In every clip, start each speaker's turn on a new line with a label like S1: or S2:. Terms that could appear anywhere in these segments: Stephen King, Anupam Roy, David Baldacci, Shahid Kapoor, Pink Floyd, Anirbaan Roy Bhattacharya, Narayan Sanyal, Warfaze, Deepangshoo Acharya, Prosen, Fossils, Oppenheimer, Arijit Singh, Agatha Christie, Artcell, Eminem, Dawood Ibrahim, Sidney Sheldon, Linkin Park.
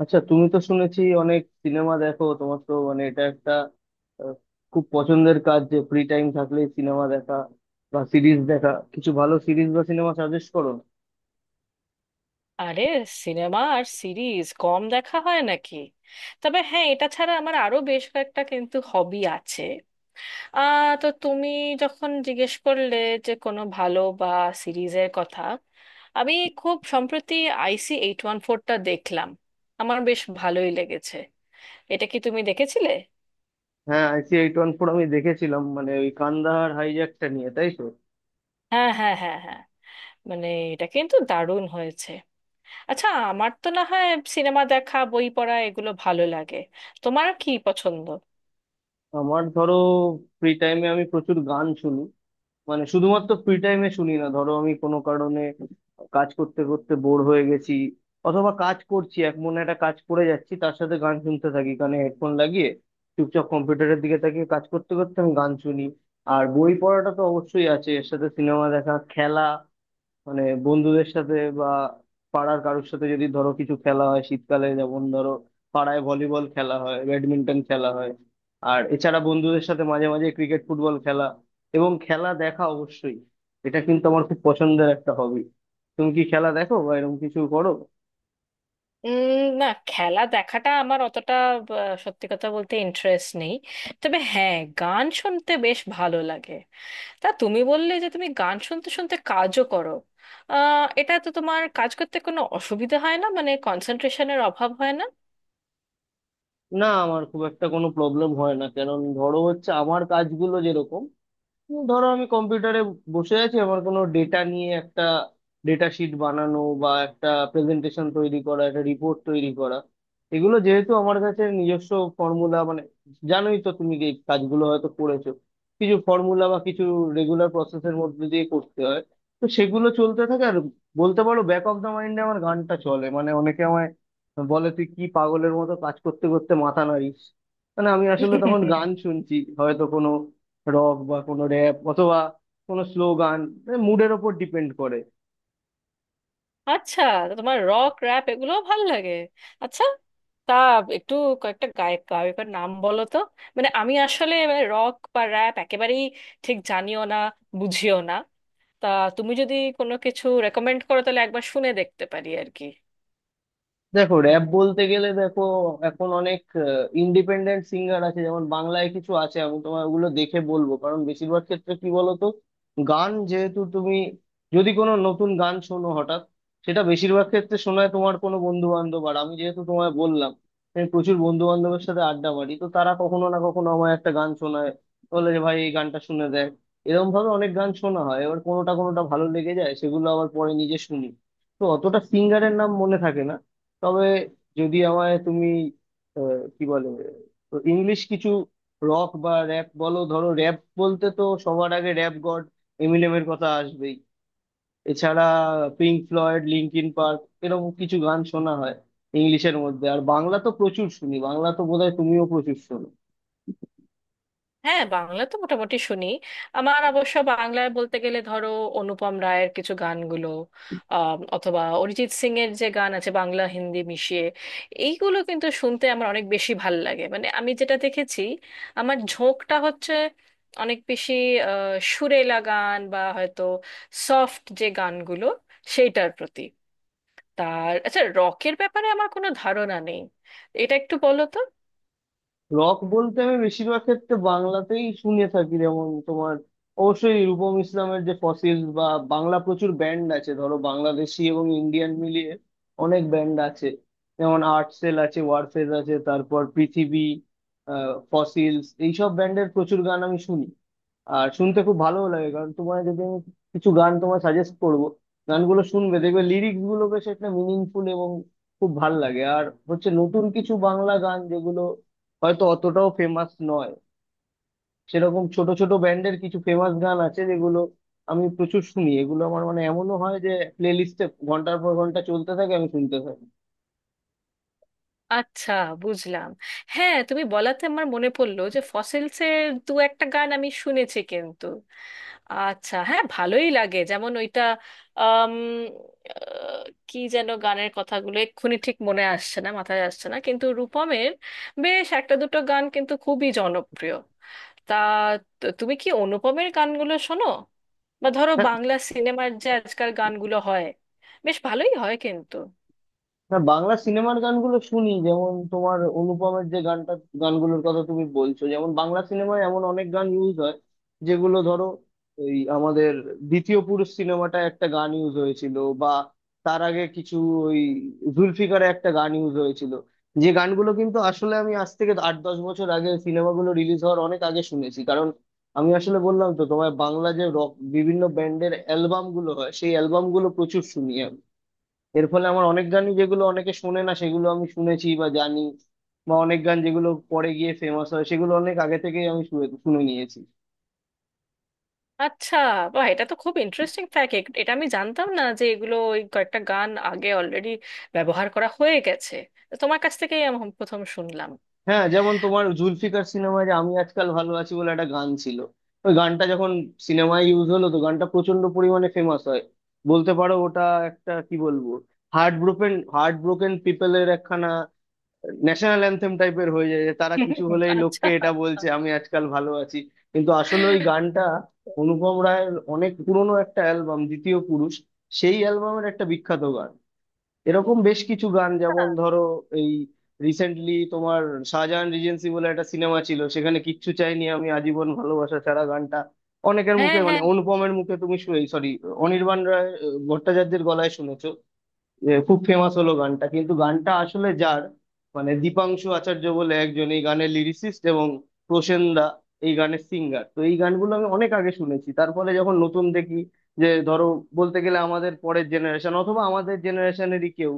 S1: আচ্ছা, তুমি তো শুনেছি অনেক সিনেমা দেখো। তোমার তো মানে এটা একটা আহ, খুব পছন্দের কাজ যে ফ্রি টাইম থাকলে সিনেমা দেখা বা সিরিজ দেখা। কিছু ভালো সিরিজ বা সিনেমা সাজেস্ট করো না?
S2: আরে, সিনেমা আর সিরিজ কম দেখা হয় নাকি? তবে হ্যাঁ, এটা ছাড়া আমার আরো বেশ কয়েকটা কিন্তু হবি আছে। তো তুমি যখন জিজ্ঞেস করলে যে কোনো ভালো বা সিরিজের কথা, আমি খুব সম্প্রতি আইসি এইট ওয়ান ফোরটা দেখলাম। আমার বেশ ভালোই লেগেছে। এটা কি তুমি দেখেছিলে?
S1: হ্যাঁ, আইসি এইট ওয়ান ফোর আমি দেখেছিলাম, মানে ওই কান্দাহার হাইজ্যাকটা নিয়ে, তাই তো।
S2: হ্যাঁ, হ্যাঁ, হ্যাঁ, হ্যাঁ। মানে এটা কিন্তু দারুণ হয়েছে। আচ্ছা, আমার তো না হয় সিনেমা দেখা, বই পড়া এগুলো ভালো লাগে। তোমার কি পছন্দ?
S1: আমার ধরো ফ্রি টাইমে আমি প্রচুর গান শুনি। মানে শুধুমাত্র ফ্রি টাইমে শুনি না, ধরো আমি কোনো কারণে কাজ করতে করতে বোর হয়ে গেছি, অথবা কাজ করছি এক মনে একটা কাজ করে যাচ্ছি, তার সাথে গান শুনতে থাকি কানে হেডফোন লাগিয়ে, চুপচাপ কম্পিউটারের দিকে তাকিয়ে কাজ করতে করতে আমি গান শুনি। আর বই পড়াটা তো অবশ্যই আছে, এর সাথে সিনেমা দেখা, খেলা মানে বন্ধুদের সাথে বা পাড়ার কারোর সাথে যদি ধরো কিছু খেলা হয়, শীতকালে যেমন ধরো পাড়ায় ভলিবল খেলা হয়, ব্যাডমিন্টন খেলা হয়, আর এছাড়া বন্ধুদের সাথে মাঝে মাঝে ক্রিকেট ফুটবল খেলা এবং খেলা দেখা অবশ্যই। এটা কিন্তু আমার খুব পছন্দের একটা হবি। তুমি কি খেলা দেখো বা এরকম কিছু করো?
S2: না, খেলা দেখাটা আমার অতটা সত্যি কথা বলতে ইন্টারেস্ট নেই। তবে হ্যাঁ, গান শুনতে বেশ ভালো লাগে। তা তুমি বললে যে তুমি গান শুনতে শুনতে কাজও করো। এটা তো তোমার কাজ করতে কোনো অসুবিধা হয় না? মানে কনসেন্ট্রেশনের অভাব হয় না?
S1: না, আমার খুব একটা কোনো প্রবলেম হয় না, কারণ ধরো হচ্ছে আমার কাজগুলো যেরকম, ধরো আমি কম্পিউটারে বসে আছি আমার কোনো ডেটা নিয়ে একটা ডেটা শিট বানানো বা একটা প্রেজেন্টেশন তৈরি করা, একটা রিপোর্ট তৈরি করা। এগুলো যেহেতু আমার কাছে নিজস্ব ফর্মুলা, মানে জানোই তো তুমি, যে এই কাজগুলো হয়তো করেছো, কিছু ফর্মুলা বা কিছু রেগুলার প্রসেসের মধ্যে দিয়ে করতে হয়, তো সেগুলো চলতে থাকে। আর বলতে পারো ব্যাক অফ দ্য মাইন্ডে আমার গানটা চলে। মানে অনেকে আমায় বলে, তুই কি পাগলের মতো কাজ করতে করতে মাথা নাড়িস? মানে আমি আসলে তখন গান শুনছি, হয়তো কোনো রক বা কোনো র্যাপ অথবা কোনো স্লো গান, মুডের ওপর ডিপেন্ড করে।
S2: আচ্ছা, তো তোমার রক, র্যাপ এগুলোও ভালো লাগে। আচ্ছা, তা একটু কয়েকটা গায়ক, গায়কের নাম বলো তো। মানে আমি আসলে রক বা র্যাপ একেবারেই ঠিক জানিও না, বুঝিও না। তা তুমি যদি কোনো কিছু রেকমেন্ড করো তাহলে একবার শুনে দেখতে পারি আর কি।
S1: র্যাপ বলতে গেলে দেখো এখন অনেক ইন্ডিপেন্ডেন্ট সিঙ্গার আছে, যেমন বাংলায় কিছু আছে, আমি তোমার ওগুলো দেখে বলবো। কারণ বেশিরভাগ ক্ষেত্রে কি বলতো, গান যেহেতু তুমি যদি কোনো নতুন গান শোনো হঠাৎ, সেটা বেশিরভাগ ক্ষেত্রে শোনায় তোমার কোনো বন্ধু বান্ধব। আর আমি যেহেতু তোমায় বললাম আমি প্রচুর বন্ধু বান্ধবের সাথে আড্ডা মারি, তো তারা কখনো না কখনো আমায় একটা গান শোনায়, বলে যে ভাই এই গানটা শুনে দেখ। এরকম ভাবে অনেক গান শোনা হয়, এবার কোনোটা কোনোটা ভালো লেগে যায়, সেগুলো আবার পরে নিজে শুনি। তো অতটা সিঙ্গারের নাম মনে থাকে না। তবে যদি আমায় তুমি কি বলে, তো ইংলিশ কিছু রক বা র্যাপ বলো, ধরো র্যাপ বলতে তো সবার আগে র্যাপ গড এমিনেমের কথা আসবেই। এছাড়া পিঙ্ক ফ্লয়েড, লিঙ্কিন পার্ক, এরকম কিছু গান শোনা হয় ইংলিশের মধ্যে। আর বাংলা তো প্রচুর শুনি, বাংলা তো বোধহয় তুমিও প্রচুর শোনো।
S2: হ্যাঁ, বাংলা তো মোটামুটি শুনি। আমার অবশ্য বাংলায় বলতে গেলে ধরো অনুপম রায়ের কিছু গানগুলো, অথবা অরিজিৎ সিং এর যে গান আছে বাংলা হিন্দি মিশিয়ে, এইগুলো কিন্তু শুনতে আমার অনেক বেশি ভাল লাগে। মানে আমি যেটা দেখেছি আমার ঝোঁকটা হচ্ছে অনেক বেশি সুরেলা গান বা হয়তো সফট যে গানগুলো সেইটার প্রতি। তার আচ্ছা, রকের ব্যাপারে আমার কোনো ধারণা নেই, এটা একটু বলো তো।
S1: রক বলতে আমি বেশিরভাগ ক্ষেত্রে বাংলাতেই শুনে থাকি, যেমন তোমার অবশ্যই রূপম ইসলামের যে ফসিলস, বা বাংলা প্রচুর ব্যান্ড আছে ধরো বাংলাদেশি এবং ইন্ডিয়ান মিলিয়ে অনেক ব্যান্ড আছে, যেমন আর্টসেল আছে, ওয়ারফেজ আছে, তারপর পৃথিবী, ফসিলস, এইসব ব্যান্ডের প্রচুর গান আমি শুনি আর শুনতে খুব ভালো লাগে। কারণ তোমার যদি আমি কিছু গান তোমায় সাজেস্ট করব, গানগুলো শুনবে, দেখবে লিরিক্স গুলো বেশ একটা মিনিংফুল এবং খুব ভাল লাগে। আর হচ্ছে নতুন কিছু বাংলা গান, যেগুলো হয়তো অতটাও ফেমাস নয়, সেরকম ছোট ছোট ব্যান্ডের কিছু ফেমাস গান আছে, যেগুলো আমি প্রচুর শুনি। এগুলো আমার মানে এমনও হয় যে প্লে লিস্টে ঘন্টার পর ঘন্টা চলতে থাকে, আমি শুনতে থাকি।
S2: আচ্ছা, বুঝলাম। হ্যাঁ, তুমি বলাতে আমার মনে পড়লো যে ফসিলসের দু একটা গান আমি শুনেছি কিন্তু। আচ্ছা, হ্যাঁ, ভালোই লাগে যেমন ওইটা আম, আহ, কি যেন, গানের কথাগুলো এক্ষুনি ঠিক মনে আসছে না, মাথায় আসছে না, কিন্তু রূপমের বেশ একটা দুটো গান কিন্তু খুবই জনপ্রিয়। তা তো তুমি কি অনুপমের গানগুলো শোনো? বা ধরো
S1: হ্যাঁ?
S2: বাংলা সিনেমার যে আজকাল গানগুলো হয় বেশ ভালোই হয় কিন্তু।
S1: হ্যাঁ, বাংলা সিনেমার গানগুলো শুনি, যেমন তোমার অনুপমের যে গানটা, গানগুলোর কথা তুমি বলছো, যেমন বাংলা সিনেমায় এমন অনেক গান ইউজ হয় যেগুলো ধরো ওই আমাদের দ্বিতীয় পুরুষ সিনেমাটায় একটা গান ইউজ হয়েছিল, বা তার আগে কিছু ওই জুলফিকারে একটা গান ইউজ হয়েছিল, যে গানগুলো কিন্তু আসলে আমি আজ থেকে আট দশ বছর আগে, সিনেমাগুলো রিলিজ হওয়ার অনেক আগে শুনেছি। কারণ আমি আসলে বললাম তো, তোমার বাংলা যে রক বিভিন্ন ব্যান্ডের অ্যালবাম গুলো হয়, সেই অ্যালবাম গুলো প্রচুর শুনি আমি। এর ফলে আমার অনেক গানই যেগুলো অনেকে শুনে না সেগুলো আমি শুনেছি বা জানি, বা অনেক গান যেগুলো পরে গিয়ে ফেমাস হয় সেগুলো অনেক আগে থেকেই আমি শুনে শুনে নিয়েছি।
S2: আচ্ছা, বাহ, এটা তো খুব ইন্টারেস্টিং ফ্যাক্ট। এটা আমি জানতাম না যে এগুলো ওই কয়েকটা গান আগে অলরেডি ব্যবহার করা হয়ে গেছে। তো তোমার কাছ থেকেই আমি প্রথম শুনলাম।
S1: হ্যাঁ, যেমন তোমার জুলফিকার সিনেমায় যে "আমি আজকাল ভালো আছি" বলে একটা গান ছিল, ওই গানটা যখন সিনেমায় ইউজ হলো, তো গানটা প্রচন্ড পরিমাণে ফেমাস হয়। বলতে পারো ওটা একটা কি বলবো, হার্ট ব্রোকেন পিপলের একখানা ন্যাশনাল অ্যান্থেম টাইপের হয়ে যায়, যে তারা কিছু হলেই লোককে
S2: আচ্ছা।
S1: এটা বলছে, "আমি আজকাল ভালো আছি।" কিন্তু আসলে ওই গানটা অনুপম রায়ের অনেক পুরনো একটা অ্যালবাম দ্বিতীয় পুরুষ, সেই অ্যালবামের একটা বিখ্যাত গান। এরকম বেশ কিছু গান, যেমন ধরো এই রিসেন্টলি তোমার শাহজাহান রিজেন্সি বলে একটা সিনেমা ছিল, সেখানে "কিচ্ছু চাইনি আমি আজীবন ভালোবাসা ছাড়া" গানটা অনেকের
S2: হ্যাঁ,
S1: মুখে, মানে
S2: হ্যাঁ।
S1: অনুপমের মুখে তুমি, সরি, অনির্বাণ ভট্টাচার্যের গলায় শুনেছো, যে খুব ফেমাস হলো গানটা। কিন্তু গানটা আসলে যার, মানে দীপাংশু আচার্য বলে একজন এই গানের লিরিসিস্ট, এবং প্রসেন দা এই গানের সিঙ্গার। তো এই গানগুলো আমি অনেক আগে শুনেছি, তারপরে যখন নতুন দেখি যে ধরো, বলতে গেলে আমাদের পরের জেনারেশন অথবা আমাদের জেনারেশনেরই কেউ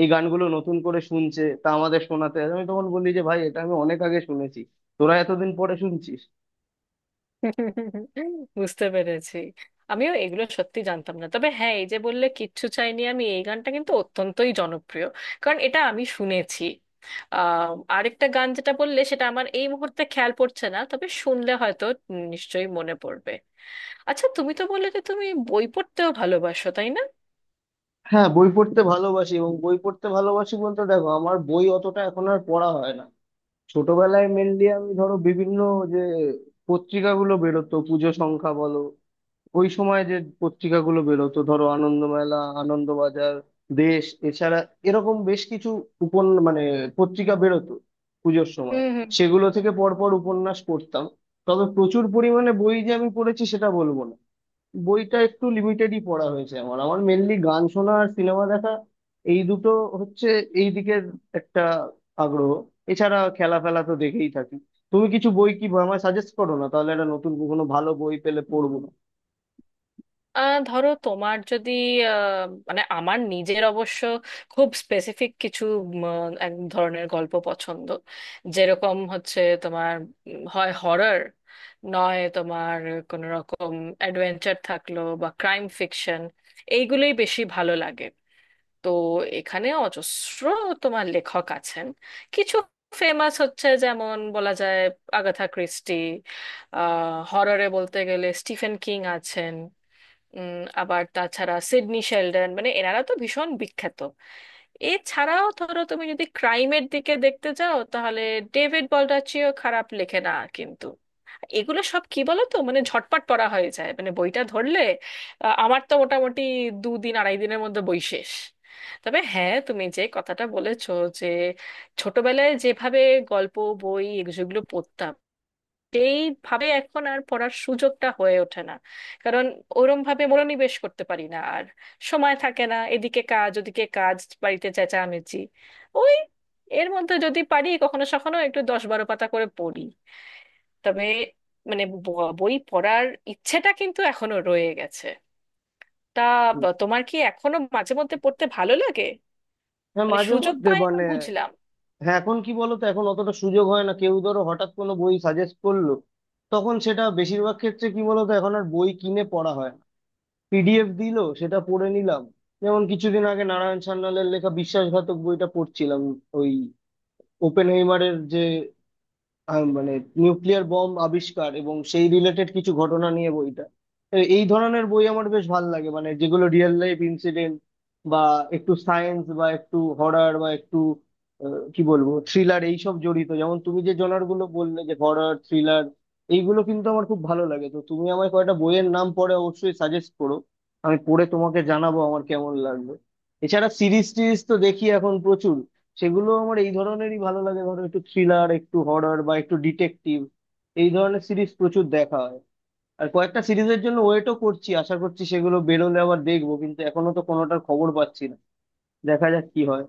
S1: এই গানগুলো নতুন করে শুনছে, তা আমাদের শোনাতে আসে, আমি তখন বলি যে ভাই এটা আমি অনেক আগে শুনেছি, তোরা এতদিন পরে শুনছিস।
S2: বুঝতে পেরেছি। আমিও এগুলো সত্যি জানতাম না, তবে হ্যাঁ, এই যে বললে কিচ্ছু চাইনি আমি, এই গানটা কিন্তু অত্যন্তই জনপ্রিয়, কারণ এটা আমি শুনেছি। আহ, আরেকটা গান যেটা বললে সেটা আমার এই মুহূর্তে খেয়াল পড়ছে না, তবে শুনলে হয়তো নিশ্চয়ই মনে পড়বে। আচ্ছা, তুমি তো বললে যে তুমি বই পড়তেও ভালোবাসো, তাই না?
S1: হ্যাঁ, বই পড়তে ভালোবাসি। এবং বই পড়তে ভালোবাসি বলতে, দেখো আমার বই অতটা এখন আর পড়া হয় না। ছোটবেলায় মেনলি আমি ধরো বিভিন্ন যে পত্রিকাগুলো বেরোতো, পুজো সংখ্যা বলো, ওই সময় যে পত্রিকাগুলো বেরোতো, ধরো আনন্দমেলা, আনন্দবাজার, দেশ, এছাড়া এরকম বেশ কিছু উপন মানে পত্রিকা বেরোতো পুজোর সময়,
S2: হুম, হুম।
S1: সেগুলো থেকে পরপর উপন্যাস পড়তাম। তবে প্রচুর পরিমাণে বই যে আমি পড়েছি সেটা বলবো না। বইটা একটু লিমিটেডই পড়া হয়েছে আমার। আমার মেনলি গান শোনা আর সিনেমা দেখা, এই দুটো হচ্ছে এই দিকের একটা আগ্রহ। এছাড়া খেলা ফেলা তো দেখেই থাকি। তুমি কিছু বই কি আমায় সাজেস্ট করো না, তাহলে একটা নতুন কোনো ভালো বই পেলে পড়বো না?
S2: ধরো তোমার যদি আহ, মানে আমার নিজের অবশ্য খুব স্পেসিফিক কিছু এক ধরনের গল্প পছন্দ, যেরকম হচ্ছে তোমার হয় হরর নয় তোমার কোনো রকম অ্যাডভেঞ্চার থাকলো, বা ক্রাইম ফিকশন, এইগুলোই বেশি ভালো লাগে। তো এখানে অজস্র তোমার লেখক আছেন, কিছু ফেমাস হচ্ছে, যেমন বলা যায় আগাথা ক্রিস্টি। আহ, হররে বলতে গেলে স্টিফেন কিং আছেন, আবার তাছাড়া সিডনি শেলডন, মানে এনারা তো ভীষণ বিখ্যাত। এছাড়াও ধরো তুমি যদি ক্রাইমের দিকে দেখতে যাও তাহলে ডেভিড বল্ডাচিও খারাপ লেখে না কিন্তু। এগুলো সব কি বলো তো, মানে ঝটপট পড়া হয়ে যায়, মানে বইটা ধরলে আমার তো মোটামুটি দুদিন আড়াই দিনের মধ্যে বই শেষ। তবে হ্যাঁ, তুমি যে কথাটা বলেছো যে ছোটবেলায় যেভাবে গল্প বই এগুলো পড়তাম সেইভাবে এখন আর পড়ার সুযোগটা হয়ে ওঠে না, কারণ ওরম ভাবে মনোনিবেশ করতে পারি না আর, সময় থাকে না, এদিকে কাজ ওদিকে কাজ, বাড়িতে চেঁচামেচি, ওই এর মধ্যে যদি পারি কখনো সখনো একটু 10-12 পাতা করে পড়ি। তবে মানে বই পড়ার ইচ্ছেটা কিন্তু এখনো রয়ে গেছে। তা
S1: হুম।
S2: তোমার কি এখনো মাঝে মধ্যে পড়তে ভালো লাগে?
S1: হ্যাঁ,
S2: মানে
S1: মাঝে
S2: সুযোগ
S1: মধ্যে
S2: পায় না,
S1: মানে,
S2: বুঝলাম।
S1: হ্যাঁ এখন কি বলো তো, এখন অতটা সুযোগ হয় না। কেউ ধরো হঠাৎ কোনো বই সাজেস্ট করলো, তখন সেটা বেশিরভাগ ক্ষেত্রে কি বলতো, এখন আর বই কিনে পড়া হয় না। পিডিএফ দিলো, সেটা পড়ে নিলাম। যেমন কিছুদিন আগে নারায়ণ সান্যালের লেখা বিশ্বাসঘাতক বইটা পড়ছিলাম, ওই ওপেনহেইমারের যে মানে নিউক্লিয়ার বম আবিষ্কার এবং সেই রিলেটেড কিছু ঘটনা নিয়ে বইটা। তো এই ধরনের বই আমার বেশ ভালো লাগে, মানে যেগুলো রিয়েল লাইফ ইনসিডেন্ট, বা একটু সায়েন্স বা একটু হরর বা একটু কি বলবো, থ্রিলার, এইসব জড়িত। যেমন তুমি যে জনার গুলো বললে, যে হরর, থ্রিলার, এইগুলো কিন্তু আমার খুব ভালো লাগে। তো তুমি আমায় কয়েকটা বইয়ের নাম পরে অবশ্যই সাজেস্ট করো, আমি পড়ে তোমাকে জানাবো আমার কেমন লাগলো। এছাড়া সিরিজ টিরিজ তো দেখি এখন প্রচুর। সেগুলো আমার এই ধরনেরই ভালো লাগে, ধরো একটু থ্রিলার, একটু হরর বা একটু ডিটেকটিভ, এই ধরনের সিরিজ প্রচুর দেখা হয়। আর কয়েকটা সিরিজের জন্য ওয়েটও করছি, আশা করছি সেগুলো বেরোলে আবার দেখবো, কিন্তু এখনো তো কোনোটার খবর পাচ্ছি না। দেখা যাক কি হয়।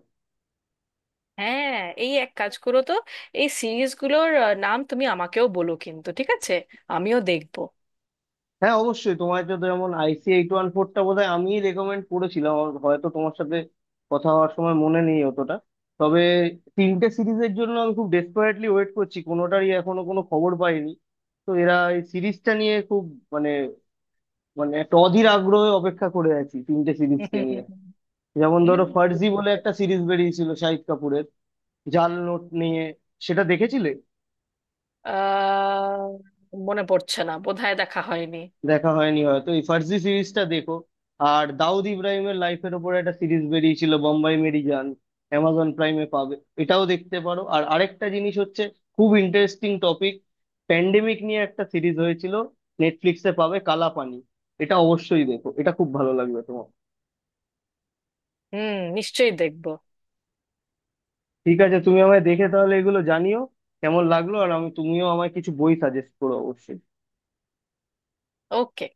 S2: হ্যাঁ, এই এক কাজ করো তো, এই সিরিজগুলোর নাম তুমি আমাকেও বলো কিন্তু, ঠিক আছে? আমিও দেখবো।
S1: হ্যাঁ অবশ্যই। তোমার তো যেমন আইসি এইট ওয়ান ফোরটা বোধহয় আমি রেকমেন্ড করেছিলাম, আমার হয়তো তোমার সাথে কথা হওয়ার সময় মনে নেই অতটা। তবে তিনটে সিরিজের জন্য আমি খুব ডেসপারেটলি ওয়েট করছি, কোনোটারই এখনো কোনো খবর পাইনি। তো এরা এই সিরিজটা নিয়ে খুব মানে মানে একটা অধীর আগ্রহে অপেক্ষা করে আছি তিনটে সিরিজকে নিয়ে। যেমন ধরো ফার্জি
S2: বুঝতে
S1: বলে একটা
S2: পেরেছি।
S1: সিরিজ বেরিয়েছিল শাহিদ কাপুরের, জাল নোট নিয়ে, সেটা দেখেছিলে?
S2: আহ, মনে পড়ছে না, বোধহয় দেখা হয়নি।
S1: দেখা হয়নি হয়তো। এই ফার্জি সিরিজটা দেখো। আর দাউদ ইব্রাহিমের লাইফের ওপর একটা সিরিজ বেরিয়েছিল, বোম্বাই মেরি জান, অ্যামাজন প্রাইমে পাবে, এটাও দেখতে পারো। আর আরেকটা জিনিস হচ্ছে খুব ইন্টারেস্টিং টপিক, প্যান্ডেমিক নিয়ে একটা সিরিজ হয়েছিল, নেটফ্লিক্সে পাবে, কালাপানি। এটা অবশ্যই দেখো, এটা খুব ভালো লাগবে তোমার।
S2: হুম, নিশ্চয়ই দেখবো।
S1: ঠিক আছে, তুমি আমায় দেখে তাহলে এগুলো জানিও কেমন লাগলো, আর আমি তুমিও আমায় কিছু বই সাজেস্ট করো অবশ্যই।
S2: ওকে।